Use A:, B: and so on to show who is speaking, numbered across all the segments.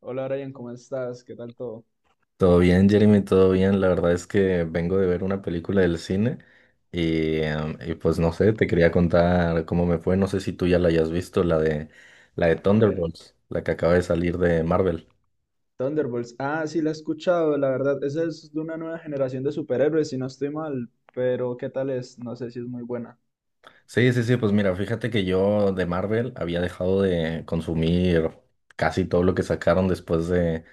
A: Hola Brian, ¿cómo estás? ¿Qué tal todo?
B: Todo bien, Jeremy, todo bien. La verdad es que vengo de ver una película del cine y pues no sé, te quería contar cómo me fue. No sé si tú ya la hayas visto, la de
A: A ver,
B: Thunderbolts, la que acaba de salir de Marvel.
A: Thunderbolts. Ah, sí, la he escuchado, la verdad. Esa es de una nueva generación de superhéroes, si no estoy mal. Pero, ¿qué tal es? No sé si es muy buena.
B: Sí, sí, sí, pues mira, fíjate que yo de Marvel había dejado de consumir casi todo lo que sacaron después de,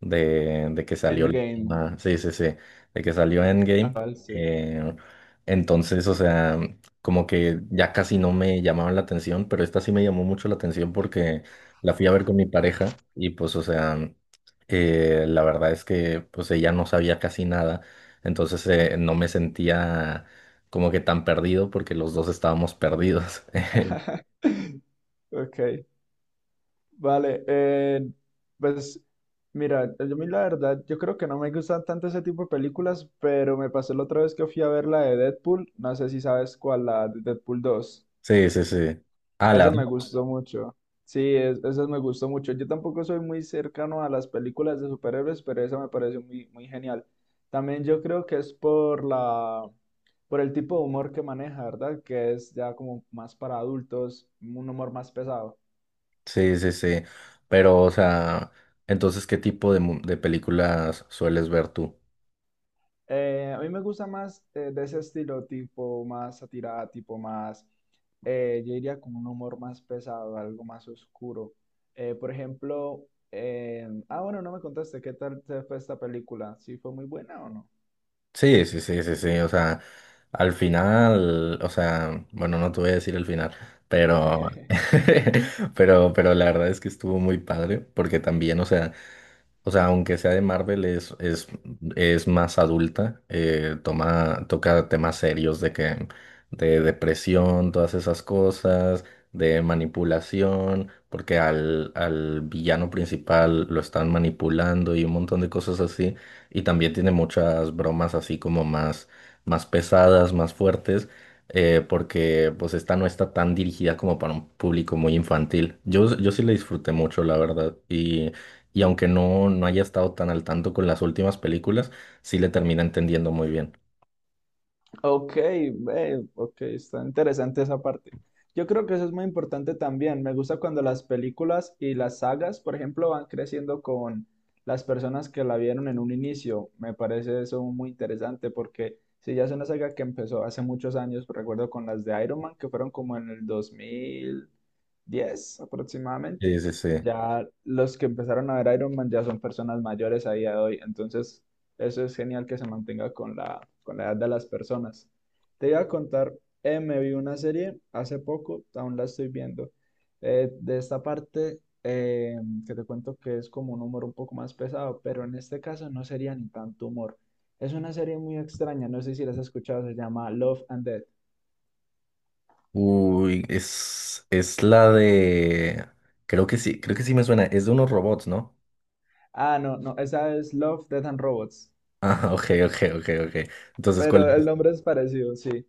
B: de, de que salió
A: Endgame.
B: sí, sí, sí, de que salió
A: Ah,
B: Endgame.
A: vale, sí.
B: Eh, entonces, o sea, como que ya casi no me llamaban la atención, pero esta sí me llamó mucho la atención porque la fui a ver con mi pareja y pues, o sea, la verdad es que pues ella no sabía casi nada, entonces no me sentía como que tan perdido porque los dos estábamos perdidos.
A: Ok, vale. Pues, mira, yo a mí la verdad, yo creo que no me gustan tanto ese tipo de películas, pero me pasó la otra vez que fui a ver la de Deadpool. No sé si sabes cuál, la de Deadpool dos.
B: Sí, sí, sí. Ah,
A: Esa
B: las
A: me Ah,
B: dos.
A: gustó mucho. Sí, esa me gustó mucho. Yo tampoco soy muy cercano a las películas de superhéroes, pero esa me pareció muy, muy genial. También yo creo que es por por el tipo de humor que maneja, ¿verdad? Que es ya como más para adultos, un humor más pesado.
B: Sí, sí, sí. Pero, o sea, entonces, ¿qué tipo de películas sueles ver tú?
A: A mí me gusta más de ese estilo, tipo más satirada, tipo más, yo diría con un humor más pesado, algo más oscuro. Por ejemplo, bueno, no me contaste, ¿qué tal te fue esta película? ¿Sí fue muy buena o no?
B: Sí, sí, sí, sí, sí. O sea, al final, o sea, bueno, no te voy a decir el final, pero, pero la verdad es que estuvo muy padre porque también, o sea, o sea, aunque sea de Marvel, es más adulta, toca temas serios de depresión, todas esas cosas, de manipulación, porque al villano principal lo están manipulando y un montón de cosas así. Y también tiene muchas bromas así como más pesadas, más fuertes, porque pues esta no está tan dirigida como para un público muy infantil. Yo sí la disfruté mucho, la verdad. Y aunque no haya estado tan al tanto con las últimas películas, sí le termina entendiendo muy bien.
A: Ok, ok, está interesante esa parte. Yo creo que eso es muy importante también. Me gusta cuando las películas y las sagas, por ejemplo, van creciendo con las personas que la vieron en un inicio. Me parece eso muy interesante porque si ya es una saga que empezó hace muchos años, recuerdo con las de Iron Man, que fueron como en el 2010
B: Sí,
A: aproximadamente,
B: sí, sí.
A: ya los que empezaron a ver Iron Man ya son personas mayores a día de hoy. Entonces, eso es genial que se mantenga con con la edad de las personas. Te iba a contar, me vi una serie hace poco, aún la estoy viendo. De esta parte, que te cuento que es como un humor un poco más pesado, pero en este caso no sería ni tanto humor. Es una serie muy extraña, no sé si la has escuchado, se llama Love and Death.
B: Uy. Creo que sí me suena. Es de unos robots, ¿no?
A: Ah, no, no, esa es Love, Death and Robots,
B: Ah, ok, ok, ok, ok. Entonces, ¿cuál
A: pero el
B: es?
A: nombre es parecido, sí.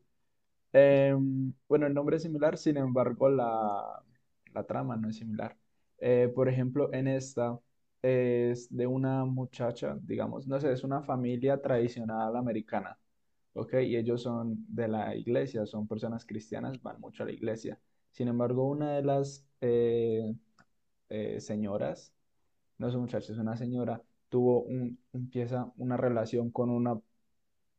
A: Bueno, el nombre es similar, sin embargo, la trama no es similar. Por ejemplo, en esta es de una muchacha, digamos, no sé, es una familia tradicional americana, ¿ok? Y ellos son de la iglesia, son personas cristianas, van mucho a la iglesia. Sin embargo, una de las señoras, no es un muchacho, es una señora, empieza una relación con una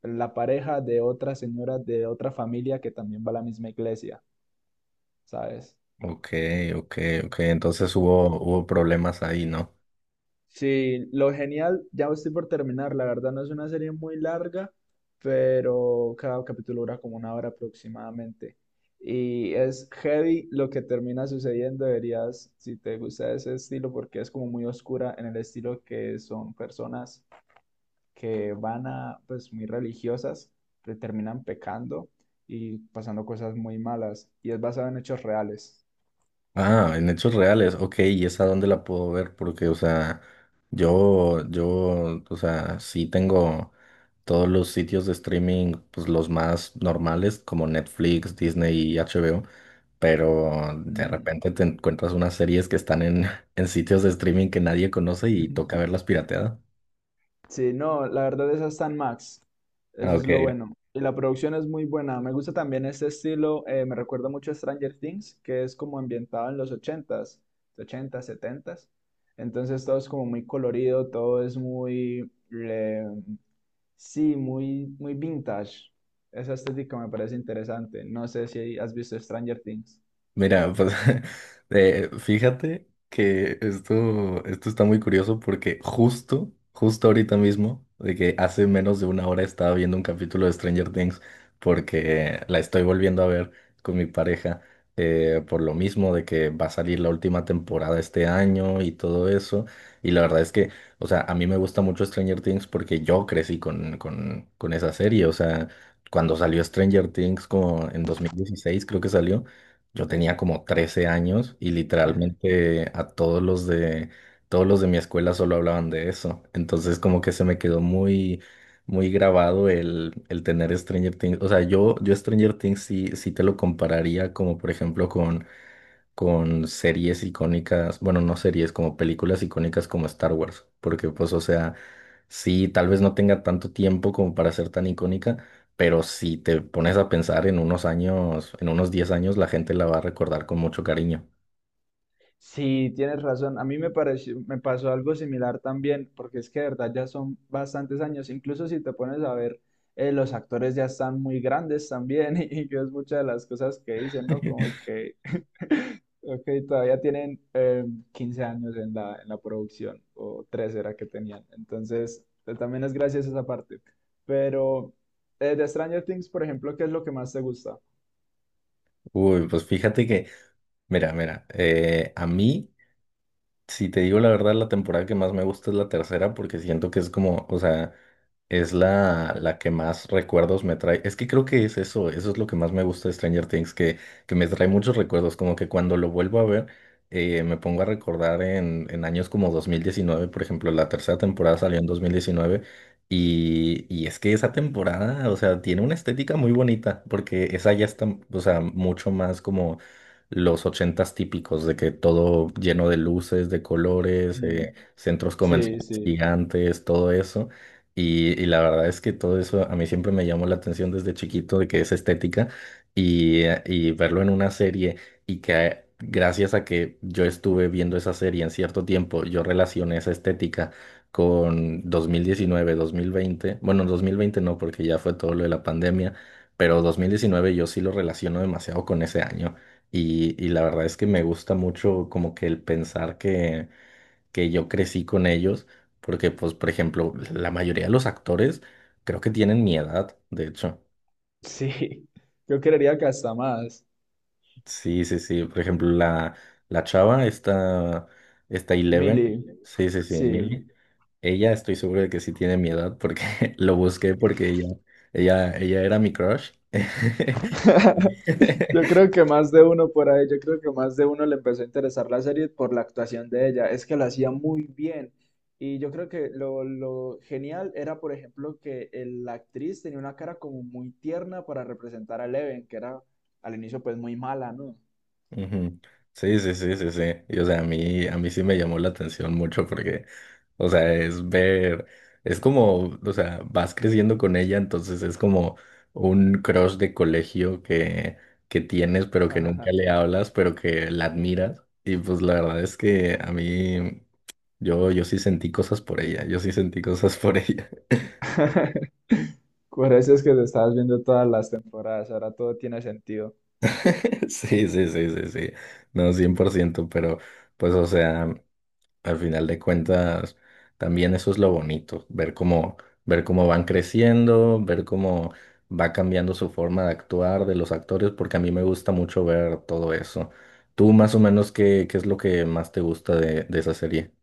A: la pareja de otra señora de otra familia que también va a la misma iglesia, ¿sabes?
B: Ok, ok, ok. Entonces hubo problemas ahí, ¿no?
A: Sí, lo genial, ya estoy por terminar, la verdad no es una serie muy larga, pero cada capítulo dura como una hora aproximadamente. Y es heavy lo que termina sucediendo, deberías, si te gusta ese estilo, porque es como muy oscura en el estilo que son personas que van a, pues, muy religiosas, que terminan pecando y pasando cosas muy malas. Y es basado en hechos reales.
B: Ah, en hechos reales, ok, ¿y esa dónde la puedo ver? Porque, o sea, yo, o sea, sí tengo todos los sitios de streaming, pues los más normales, como Netflix, Disney y HBO, pero de
A: Mm.
B: repente te encuentras unas series que están en, en sitios de streaming que nadie conoce y toca verlas pirateadas.
A: Sí, no, la verdad esa está en Max. Eso
B: Ah,
A: es
B: ok,
A: lo bueno. Y la producción es muy buena. Me gusta también este estilo. Me recuerda mucho a Stranger Things, que es como ambientado en los ochentas, setentas. Entonces todo es como muy colorido, todo es muy... sí, muy, muy vintage. Esa estética me parece interesante. No sé si has visto Stranger Things.
B: mira, pues fíjate que esto está muy curioso porque justo, justo ahorita mismo, de que hace menos de una hora estaba viendo un capítulo de Stranger Things porque la estoy volviendo a ver con mi pareja por lo mismo de que va a salir la última temporada este año y todo eso. Y la verdad es que, o sea, a mí me gusta mucho Stranger Things porque yo crecí con esa serie, o sea, cuando salió Stranger Things como en 2016 creo que salió. Yo tenía como 13 años y literalmente a todos los de mi escuela solo hablaban de eso. Entonces como que se me quedó muy muy grabado el tener Stranger Things. O sea, yo Stranger Things sí, sí te lo compararía como por ejemplo con series icónicas, bueno, no series, como películas icónicas como Star Wars, porque pues, o sea, sí, tal vez no tenga tanto tiempo como para ser tan icónica, pero si te pones a pensar en unos años, en unos 10 años, la gente la va a recordar con mucho cariño.
A: Sí, tienes razón. A mí me pareció, me pasó algo similar también, porque es que de verdad ya son bastantes años. Incluso si te pones a ver, los actores ya están muy grandes también, y, que es muchas de las cosas que dicen, ¿no? Como que, ok, todavía tienen 15 años en en la producción, o 13 era que tenían. Entonces, también es gracias a esa parte. Pero de Stranger Things, por ejemplo, ¿qué es lo que más te gusta?
B: Uy, pues fíjate que, mira, a mí si te digo la verdad, la temporada que más me gusta es la tercera porque siento que es como, o sea, es la que más recuerdos me trae. Es que creo que es eso. Eso es lo que más me gusta de Stranger Things, que me trae muchos recuerdos, como que cuando lo vuelvo a ver, me pongo a recordar en años como 2019, por ejemplo, la tercera temporada salió en 2019 y es que esa temporada, o sea, tiene una estética muy bonita porque esa ya está, o sea, mucho más como los ochentas típicos, de que todo lleno de luces, de colores,
A: Mm.
B: centros
A: Sí,
B: comerciales
A: sí.
B: gigantes, todo eso. Y la verdad es que todo eso a mí siempre me llamó la atención desde chiquito, de que es estética, y verlo en una serie y que gracias a que yo estuve viendo esa serie en cierto tiempo, yo relacioné esa estética con dos mil diecinueve, dos mil veinte, bueno, 2020 no, porque ya fue todo lo de la pandemia, pero 2019 yo sí lo relaciono demasiado con ese año. Y la verdad es que me gusta mucho como que el pensar que yo crecí con ellos, porque pues, por ejemplo, la mayoría de los actores creo que tienen mi edad, de hecho.
A: Sí, yo creería que hasta más.
B: Sí, sí, sí. Por ejemplo, la chava, esta Eleven,
A: Mili,
B: sí, sí, sí,
A: sí.
B: Millie, ella estoy seguro de que sí tiene mi edad porque lo busqué porque ella era mi crush.
A: Yo creo que más de uno por ahí, yo creo que más de uno le empezó a interesar la serie por la actuación de ella. Es que la hacía muy bien. Y yo creo que lo genial era, por ejemplo, la actriz tenía una cara como muy tierna para representar a Eleven, que era al inicio pues muy mala, ¿no?
B: Ujú. Sí, sí, sí, sí, sí. Y o sea, a mí sí me llamó la atención mucho porque, o sea, es como, o sea, vas creciendo con ella, entonces es como un crush de colegio que tienes, pero que nunca le hablas, pero que la admiras. Y pues la verdad es que a mí, yo sí sentí cosas por ella, yo sí sentí cosas por ella.
A: Por eso es que te estabas viendo todas las temporadas, ahora todo tiene sentido.
B: Sí, sí, sí, sí, sí. No, 100%. Pero pues, o sea, al final de cuentas, también eso es lo bonito, ver cómo van creciendo, ver cómo va cambiando su forma de actuar de los actores, porque a mí me gusta mucho ver todo eso. ¿Tú más o menos qué es lo que más te gusta de esa serie?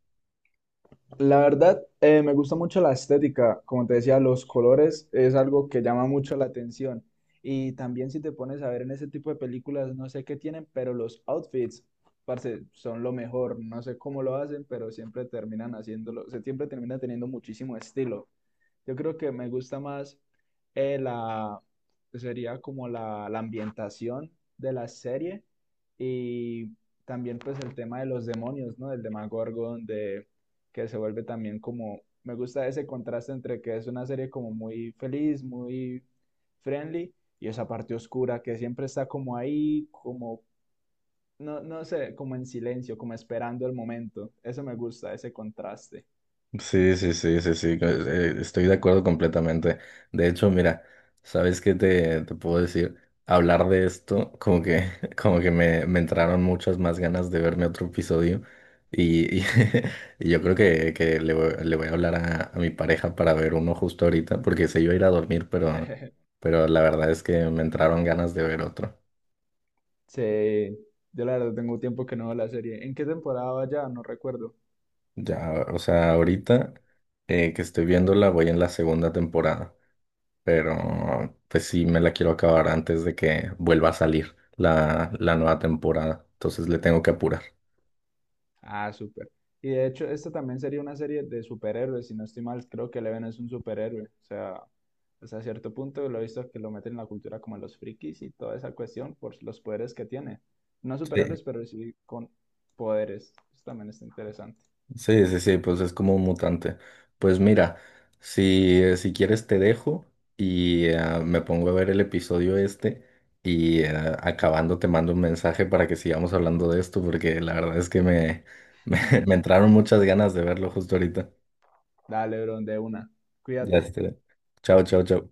A: La verdad, me gusta mucho la estética, como te decía, los colores es algo que llama mucho la atención. Y también si te pones a ver en ese tipo de películas, no sé qué tienen, pero los outfits, parce, son lo mejor. No sé cómo lo hacen, pero siempre terminan haciéndolo, se siempre termina teniendo muchísimo estilo. Yo creo que me gusta más eh, la, sería como la ambientación de la serie y también pues el tema de los demonios, ¿no? Del Demogorgon, de que se vuelve también como, me gusta ese contraste entre que es una serie como muy feliz, muy friendly y esa parte oscura que siempre está como ahí, como, no, no sé, como en silencio, como esperando el momento. Eso me gusta, ese contraste.
B: Sí, sí, sí, sí, sí, estoy de acuerdo completamente. De hecho, mira, ¿sabes qué te puedo decir? Hablar de esto, como que, como que me entraron muchas más ganas de verme otro episodio y, y, y yo creo que le voy a hablar a mi pareja para ver uno justo ahorita, porque se iba a ir a dormir, pero, pero la verdad es que me entraron ganas de ver otro.
A: Sí, yo la verdad tengo tiempo que no veo la serie. ¿En qué temporada va ya? No recuerdo.
B: Ya, o sea, ahorita que estoy viéndola, voy en la segunda temporada. Pero pues sí me la quiero acabar antes de que vuelva a salir la nueva temporada. Entonces le tengo que apurar.
A: Ah, súper. Y de hecho, esta también sería una serie de superhéroes, si no estoy mal, creo que Eleven es un superhéroe. O sea, hasta cierto punto lo he visto que lo meten en la cultura como los frikis y toda esa cuestión por los poderes que tiene. No
B: Sí,
A: superhéroes, pero sí con poderes. Eso también está interesante.
B: sí, sí, sí, pues es como un mutante. Pues mira, si quieres te dejo y me pongo a ver el episodio este y acabando te mando un mensaje para que sigamos hablando de esto porque la verdad es que me, me, me entraron muchas ganas de verlo justo ahorita.
A: Dale, bro, de una.
B: Ya
A: Cuídate.
B: está. Chao, chao, chao.